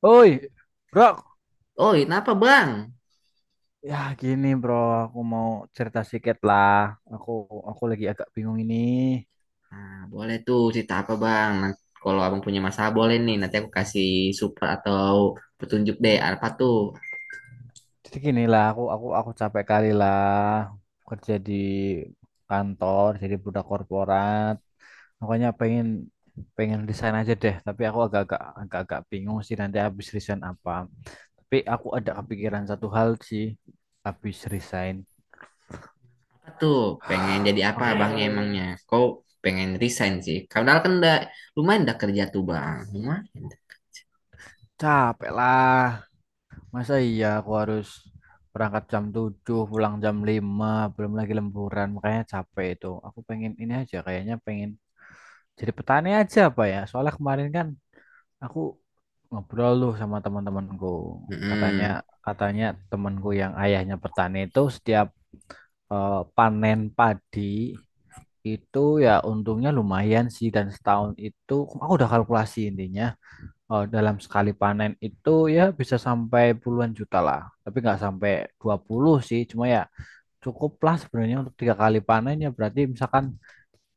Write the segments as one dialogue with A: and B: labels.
A: Oi, bro.
B: Oh, kenapa bang?
A: Ya gini, bro, aku mau cerita sedikit lah. Aku aku lagi agak bingung ini.
B: Nah, boleh tuh cerita apa bang? Nah, kalau abang punya masalah boleh nih. Nanti aku kasih support atau petunjuk deh.
A: Jadi gini lah, aku capek kali lah kerja di kantor, jadi budak korporat. Makanya pengen pengen resign aja deh. Tapi aku agak-agak bingung sih nanti habis resign apa. Tapi aku ada kepikiran satu hal sih habis resign.
B: Apa tuh? Pengen jadi apa abangnya
A: Ah,
B: emangnya? Kau pengen resign sih? Karena kan udah lumayan udah kerja tuh bang. Lumayan.
A: Capek lah. Masa iya aku harus berangkat jam 7, pulang jam 5, belum lagi lemburan, makanya capek itu. Aku pengen ini aja, kayaknya pengen jadi petani aja apa ya. Soalnya kemarin kan aku ngobrol tuh sama teman-temanku.
B: Mm-mm.
A: Katanya katanya temanku yang ayahnya petani itu setiap panen padi itu ya untungnya lumayan sih, dan setahun itu aku udah kalkulasi intinya. Oh, dalam sekali panen itu ya bisa sampai puluhan juta lah. Tapi nggak sampai 20 sih. Cuma ya cukup lah sebenarnya untuk 3 kali panen ya. Berarti misalkan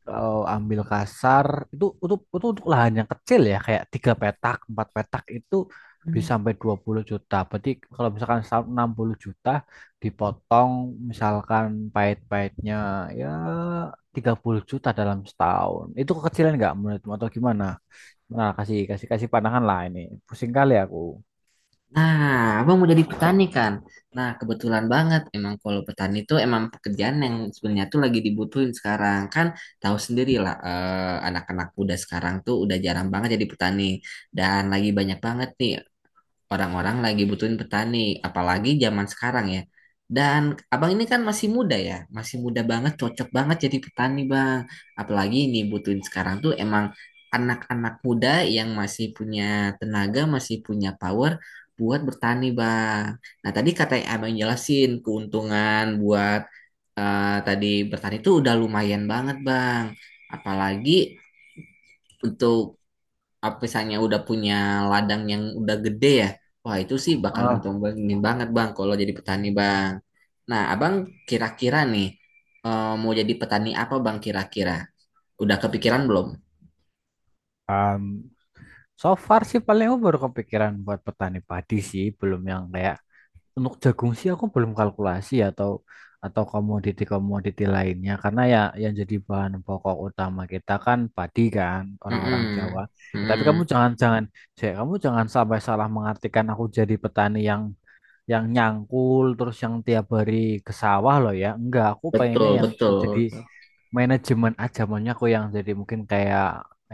A: kalau ambil kasar, itu untuk lahan yang kecil ya, kayak 3 petak, 4 petak itu bisa sampai 20 juta. Berarti kalau misalkan setahun 60 juta, dipotong misalkan pahit-pahitnya ya 30 juta dalam setahun. Itu kekecilan nggak menurutmu atau gimana? Nah, kasih kasih kasih pandangan lah ini. Pusing kali aku.
B: Nah, abang mau jadi petani kan? Nah, kebetulan banget emang kalau petani itu emang pekerjaan yang sebenarnya tuh lagi dibutuhin sekarang kan tahu sendiri lah anak-anak muda sekarang tuh udah jarang banget jadi petani dan lagi banyak banget nih orang-orang lagi butuhin petani, apalagi zaman sekarang ya. Dan abang ini kan masih muda ya, masih muda banget, cocok banget jadi petani bang. Apalagi ini butuhin sekarang tuh emang anak-anak muda yang masih punya tenaga, masih punya power buat bertani bang. Nah tadi katanya abang jelasin keuntungan buat tadi bertani itu udah lumayan banget bang. Apalagi untuk apa misalnya udah punya ladang yang udah gede ya, wah itu sih bakal
A: Ah,
B: untung ini banget bang kalau jadi petani bang. Nah abang kira-kira nih mau jadi petani apa bang kira-kira? Udah kepikiran belum?
A: um, so far sih, paling aku baru kepikiran buat petani padi sih, belum yang kayak untuk jagung sih aku belum kalkulasi, atau komoditi-komoditi lainnya, karena ya yang jadi bahan pokok utama kita kan padi kan, orang-orang Jawa.
B: Mm-mm.
A: Eh, tapi kamu
B: Mm-mm.
A: jangan-jangan, Jek, kamu jangan sampai salah mengartikan aku jadi petani yang nyangkul terus, yang tiap hari ke sawah loh ya. Enggak, aku pengennya
B: Betul betul.
A: yang cukup jadi
B: Betul.
A: manajemen ajamannya, aku yang jadi mungkin kayak,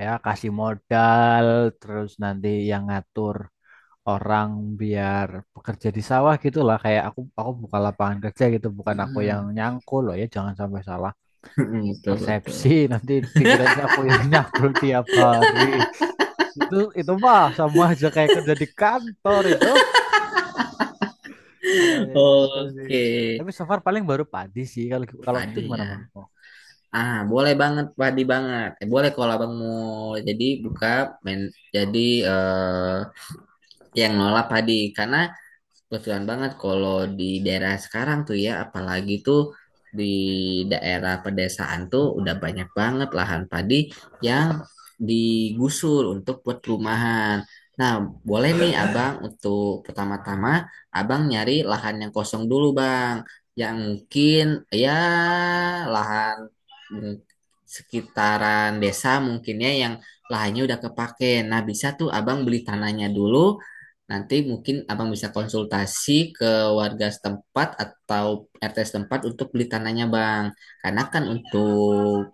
A: ya kasih modal terus nanti yang ngatur orang biar bekerja di sawah gitu lah, kayak aku buka lapangan kerja gitu, bukan aku yang
B: Mm-mm.
A: nyangkul loh ya, jangan sampai salah
B: Betul betul.
A: persepsi nanti dikiranya aku yang nyangkul tiap hari. Itu itu mah sama aja kayak kerja di kantor itu, kayak ya itu sih.
B: Oke.
A: Tapi so far paling baru padi sih, kalau kalau gitu
B: Padi
A: gimana
B: ya.
A: menurutmu?
B: Ah, boleh banget padi banget. Eh, boleh kalau abang mau jadi buka men jadi eh yang nolak padi karena kebetulan banget kalau di daerah sekarang tuh ya, apalagi tuh di daerah pedesaan tuh udah banyak banget lahan padi yang digusur untuk buat perumahan. Nah, boleh nih Abang untuk pertama-tama Abang nyari lahan yang kosong dulu, Bang. Yang mungkin ya lahan mm, sekitaran desa mungkinnya yang lahannya udah kepake. Nah, bisa tuh Abang beli tanahnya dulu. Nanti mungkin abang bisa konsultasi ke warga setempat atau RT setempat untuk beli tanahnya bang. Karena kan untuk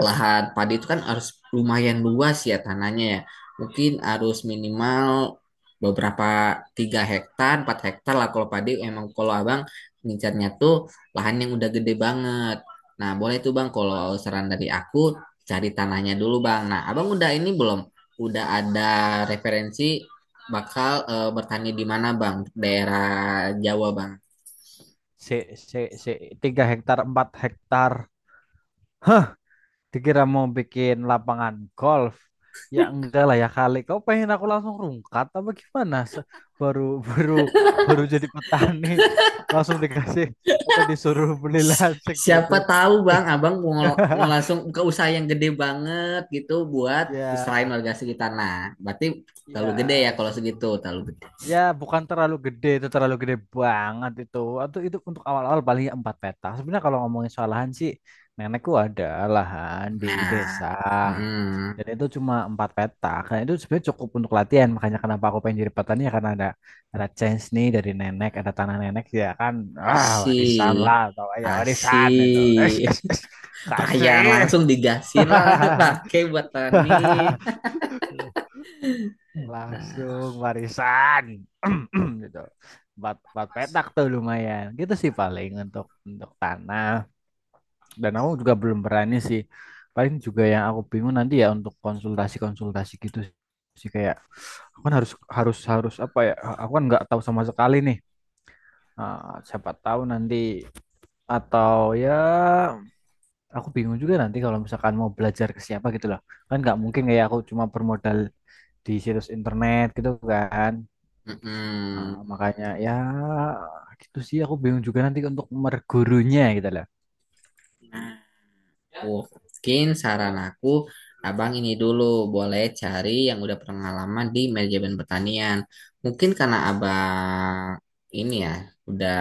B: lahan padi itu kan harus lumayan luas ya tanahnya ya. Mungkin harus minimal beberapa tiga hektar, 4 hektar lah kalau padi emang kalau abang ngincarnya tuh lahan yang udah gede banget. Nah, boleh tuh bang kalau saran dari aku cari tanahnya dulu bang. Nah, abang udah ini belum? Udah ada referensi bakal bertani di mana bang? Daerah Jawa bang.
A: Se, se, se, 3 hektar 4 hektar, dikira mau bikin lapangan golf ya. Enggak lah ya, kali kau pengen aku langsung rungkat apa gimana. Baru baru baru jadi petani langsung dikasih atau disuruh beli lasik gitu.
B: Siapa tahu Bang, Abang mau langsung buka usaha yang gede banget gitu buat diserahin
A: Ya,
B: warga sekitar. Nah, berarti terlalu
A: ya
B: gede ya kalau
A: sih,
B: segitu, terlalu gede.
A: ya bukan terlalu gede itu, terlalu gede banget itu. Atau itu untuk awal-awal paling ya 4 peta sebenarnya. Kalau ngomongin soal lahan sih, nenekku ada lahan di
B: Nah,
A: desa.
B: mm,
A: Dan itu cuma 4 peta. Karena itu sebenarnya cukup untuk latihan. Makanya kenapa aku pengen jadi petani ya karena ada chance nih dari nenek, ada tanah nenek ya kan.
B: I
A: Warisan lah,
B: see.
A: atau ya warisan itu. Es, es,
B: Asih.
A: es.
B: Payan
A: Kasih.
B: langsung digasin lah pakai buat tani. Nah,
A: Langsung warisan. Gitu. Empat petak tuh lumayan. Gitu sih paling untuk tanah. Dan aku juga belum berani sih. Paling juga yang aku bingung nanti ya untuk konsultasi-konsultasi gitu sih, kayak aku kan harus harus harus apa ya? Aku kan nggak tahu sama sekali nih. Siapa tahu nanti, atau ya aku bingung juga nanti kalau misalkan mau belajar ke siapa gitu loh. Kan nggak mungkin kayak aku cuma bermodal di situs internet gitu kan.
B: mm-mm.
A: Makanya ya gitu sih, aku bingung juga nanti untuk mergurunya gitu loh.
B: Mungkin saran aku, abang ini dulu boleh cari yang udah pengalaman di manajemen pertanian. Mungkin karena abang ini ya, udah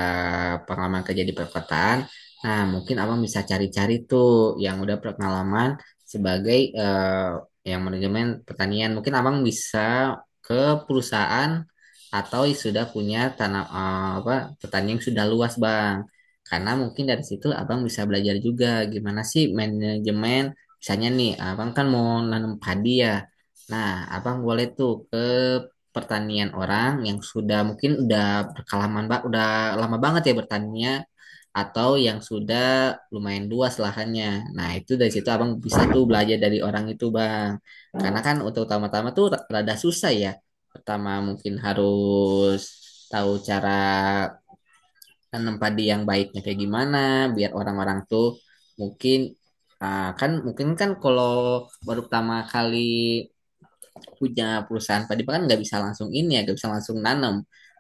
B: pengalaman kerja di perkotaan. Nah, mungkin abang bisa cari-cari tuh yang udah pengalaman sebagai yang manajemen pertanian. Mungkin abang bisa ke perusahaan atau sudah punya tanah apa pertanian yang sudah luas, bang. Karena mungkin dari situ abang bisa belajar juga gimana sih manajemen. Misalnya nih, abang kan mau nanam padi ya. Nah, abang boleh tuh ke pertanian orang yang sudah mungkin udah berkalaman, Pak, udah lama banget ya bertaninya atau yang sudah lumayan luas lahannya. Nah, itu dari situ abang bisa tuh belajar dari orang itu, Bang. Karena kan untuk utama-tama tuh rada susah ya. Pertama mungkin harus tahu cara tanam padi yang baiknya kayak gimana biar orang-orang tuh mungkin ah, kan mungkin kan kalau baru pertama kali punya perusahaan padi kan nggak bisa langsung ini ya nggak bisa langsung nanam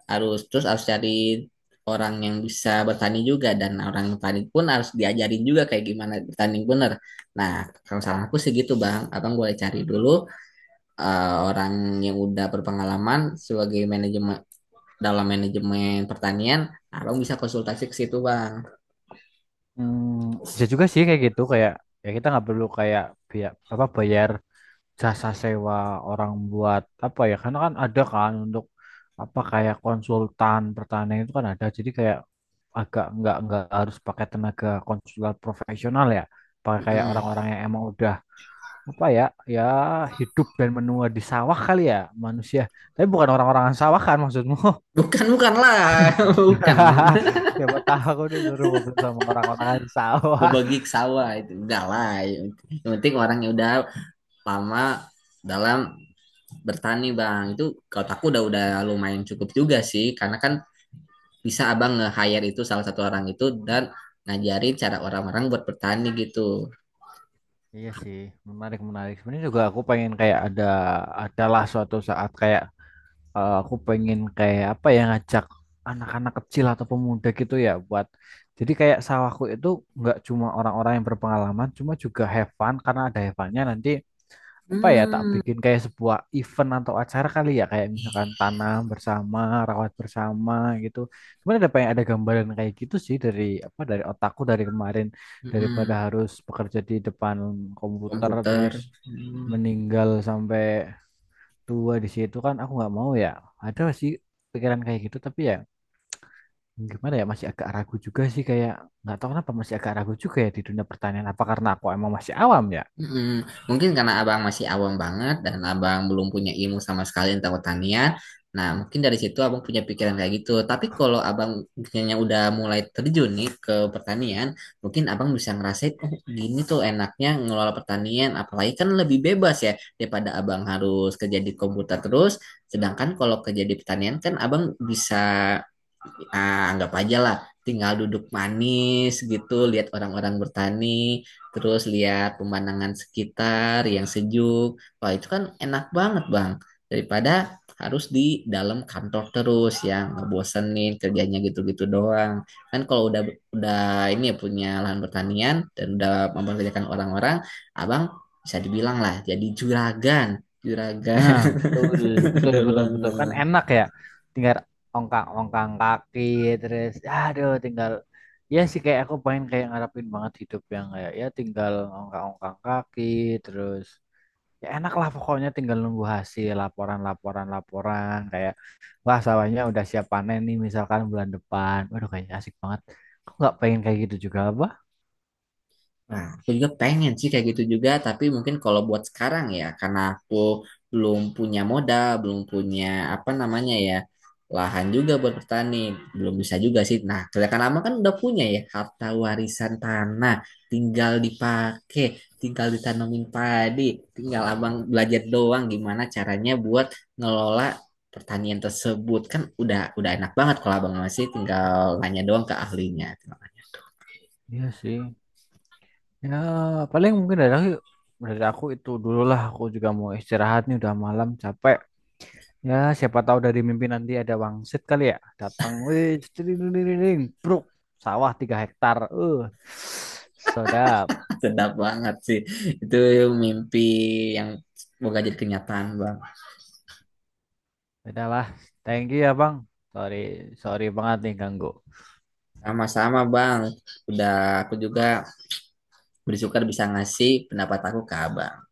B: harus cari orang yang bisa bertani juga dan orang yang bertani pun harus diajarin juga kayak gimana bertani bener. Nah, kalau saran aku sih gitu Bang. Abang boleh cari dulu orang yang udah berpengalaman sebagai manajemen dalam manajemen pertanian, abang bisa konsultasi ke situ, Bang.
A: Bisa juga sih kayak gitu, kayak ya kita nggak perlu kayak biar apa bayar jasa sewa orang buat apa ya, karena kan ada kan untuk apa, kayak konsultan pertanian itu kan ada. Jadi kayak agak nggak harus pakai tenaga konsultan profesional ya, pakai kayak
B: Mm-mm.
A: orang-orang yang emang udah apa ya, ya hidup dan menua di sawah kali ya. Manusia, tapi bukan orang-orang sawah kan maksudmu.
B: Bukan, bukan lah. Bukan lah.
A: Siapa tahu aku disuruh ngobrol sama orang-orang sawah.
B: Berbagi sawah itu. Enggak lah. Yang penting orangnya udah lama dalam bertani bang. Itu kalau aku udah lumayan cukup juga sih. Karena kan bisa abang nge-hire itu salah satu orang itu dan ngajarin cara orang-orang buat bertani gitu.
A: Iya sih, menarik menarik. Sebenarnya juga aku pengen kayak ada adalah suatu saat, kayak aku pengen kayak apa ya ngajak anak-anak kecil atau pemuda gitu ya, buat jadi kayak sawahku itu nggak cuma orang-orang yang berpengalaman, cuma juga have fun, karena ada have funnya nanti apa ya, tak
B: Hmm.
A: bikin kayak sebuah event atau acara kali ya, kayak misalkan tanam bersama, rawat bersama gitu. Cuman ada pengen ada gambaran kayak gitu sih dari apa, dari otakku dari kemarin, daripada
B: Mm-mm.
A: harus bekerja di depan komputer terus,
B: Komputer. Hmm.
A: meninggal sampai tua di situ kan aku nggak mau ya. Ada sih pikiran kayak gitu, tapi ya gimana ya, masih agak ragu juga sih, kayak nggak tahu kenapa masih agak ragu juga ya di dunia pertanian, apa karena aku emang masih awam ya.
B: Mm, mungkin karena abang masih awam banget dan abang belum punya ilmu sama sekali tentang pertanian. Nah, mungkin dari situ abang punya pikiran kayak gitu. Tapi kalau abang kayaknya udah mulai terjun nih ke pertanian, mungkin abang bisa ngerasain, oh gini tuh enaknya ngelola pertanian. Apalagi kan lebih bebas ya daripada abang harus kerja di komputer terus. Sedangkan kalau kerja di pertanian kan abang bisa anggap aja lah tinggal duduk manis gitu lihat orang-orang bertani terus lihat pemandangan sekitar yang sejuk wah itu kan enak banget bang daripada harus di dalam kantor terus yang ngebosenin kerjanya gitu-gitu doang kan kalau udah ini ya punya lahan pertanian dan udah mempekerjakan orang-orang abang bisa dibilang lah jadi juragan juragan.
A: Nah, betul, betul,
B: Betul
A: betul, betul. Kan
B: banget.
A: enak ya, tinggal ongkang-ongkang kaki, terus, aduh, tinggal, ya sih kayak aku pengen kayak ngarepin banget hidup yang kayak, ya tinggal ongkang-ongkang kaki, terus, ya enak lah pokoknya, tinggal nunggu hasil, laporan, laporan, laporan, kayak, wah sawahnya udah siap panen nih, misalkan bulan depan. Waduh, kayaknya asik banget. Aku nggak pengen kayak gitu juga, apa?
B: Nah, aku juga pengen sih kayak gitu juga, tapi mungkin kalau buat sekarang ya, karena aku belum punya modal, belum punya apa namanya ya, lahan juga buat bertani, belum bisa juga sih. Nah, kelihatan lama kan udah punya ya, harta warisan tanah, tinggal dipakai, tinggal ditanamin padi, tinggal abang belajar doang gimana caranya buat ngelola pertanian tersebut. Kan udah enak banget kalau abang masih tinggal nanya doang ke ahlinya.
A: Iya sih. Ya, paling mungkin dari aku itu dulu lah. Aku juga mau istirahat nih, udah malam capek. Ya, siapa tahu dari mimpi nanti ada wangsit kali ya. Datang, wih, ceding, bruk, sawah 3 hektar. Eh, sedap.
B: Sedap banget sih. Itu mimpi yang semoga jadi kenyataan, Bang.
A: Udah lah, thank you ya bang. Sorry, sorry banget nih ganggu.
B: Sama-sama, Bang. Udah aku juga bersyukur bisa ngasih pendapat aku ke Abang.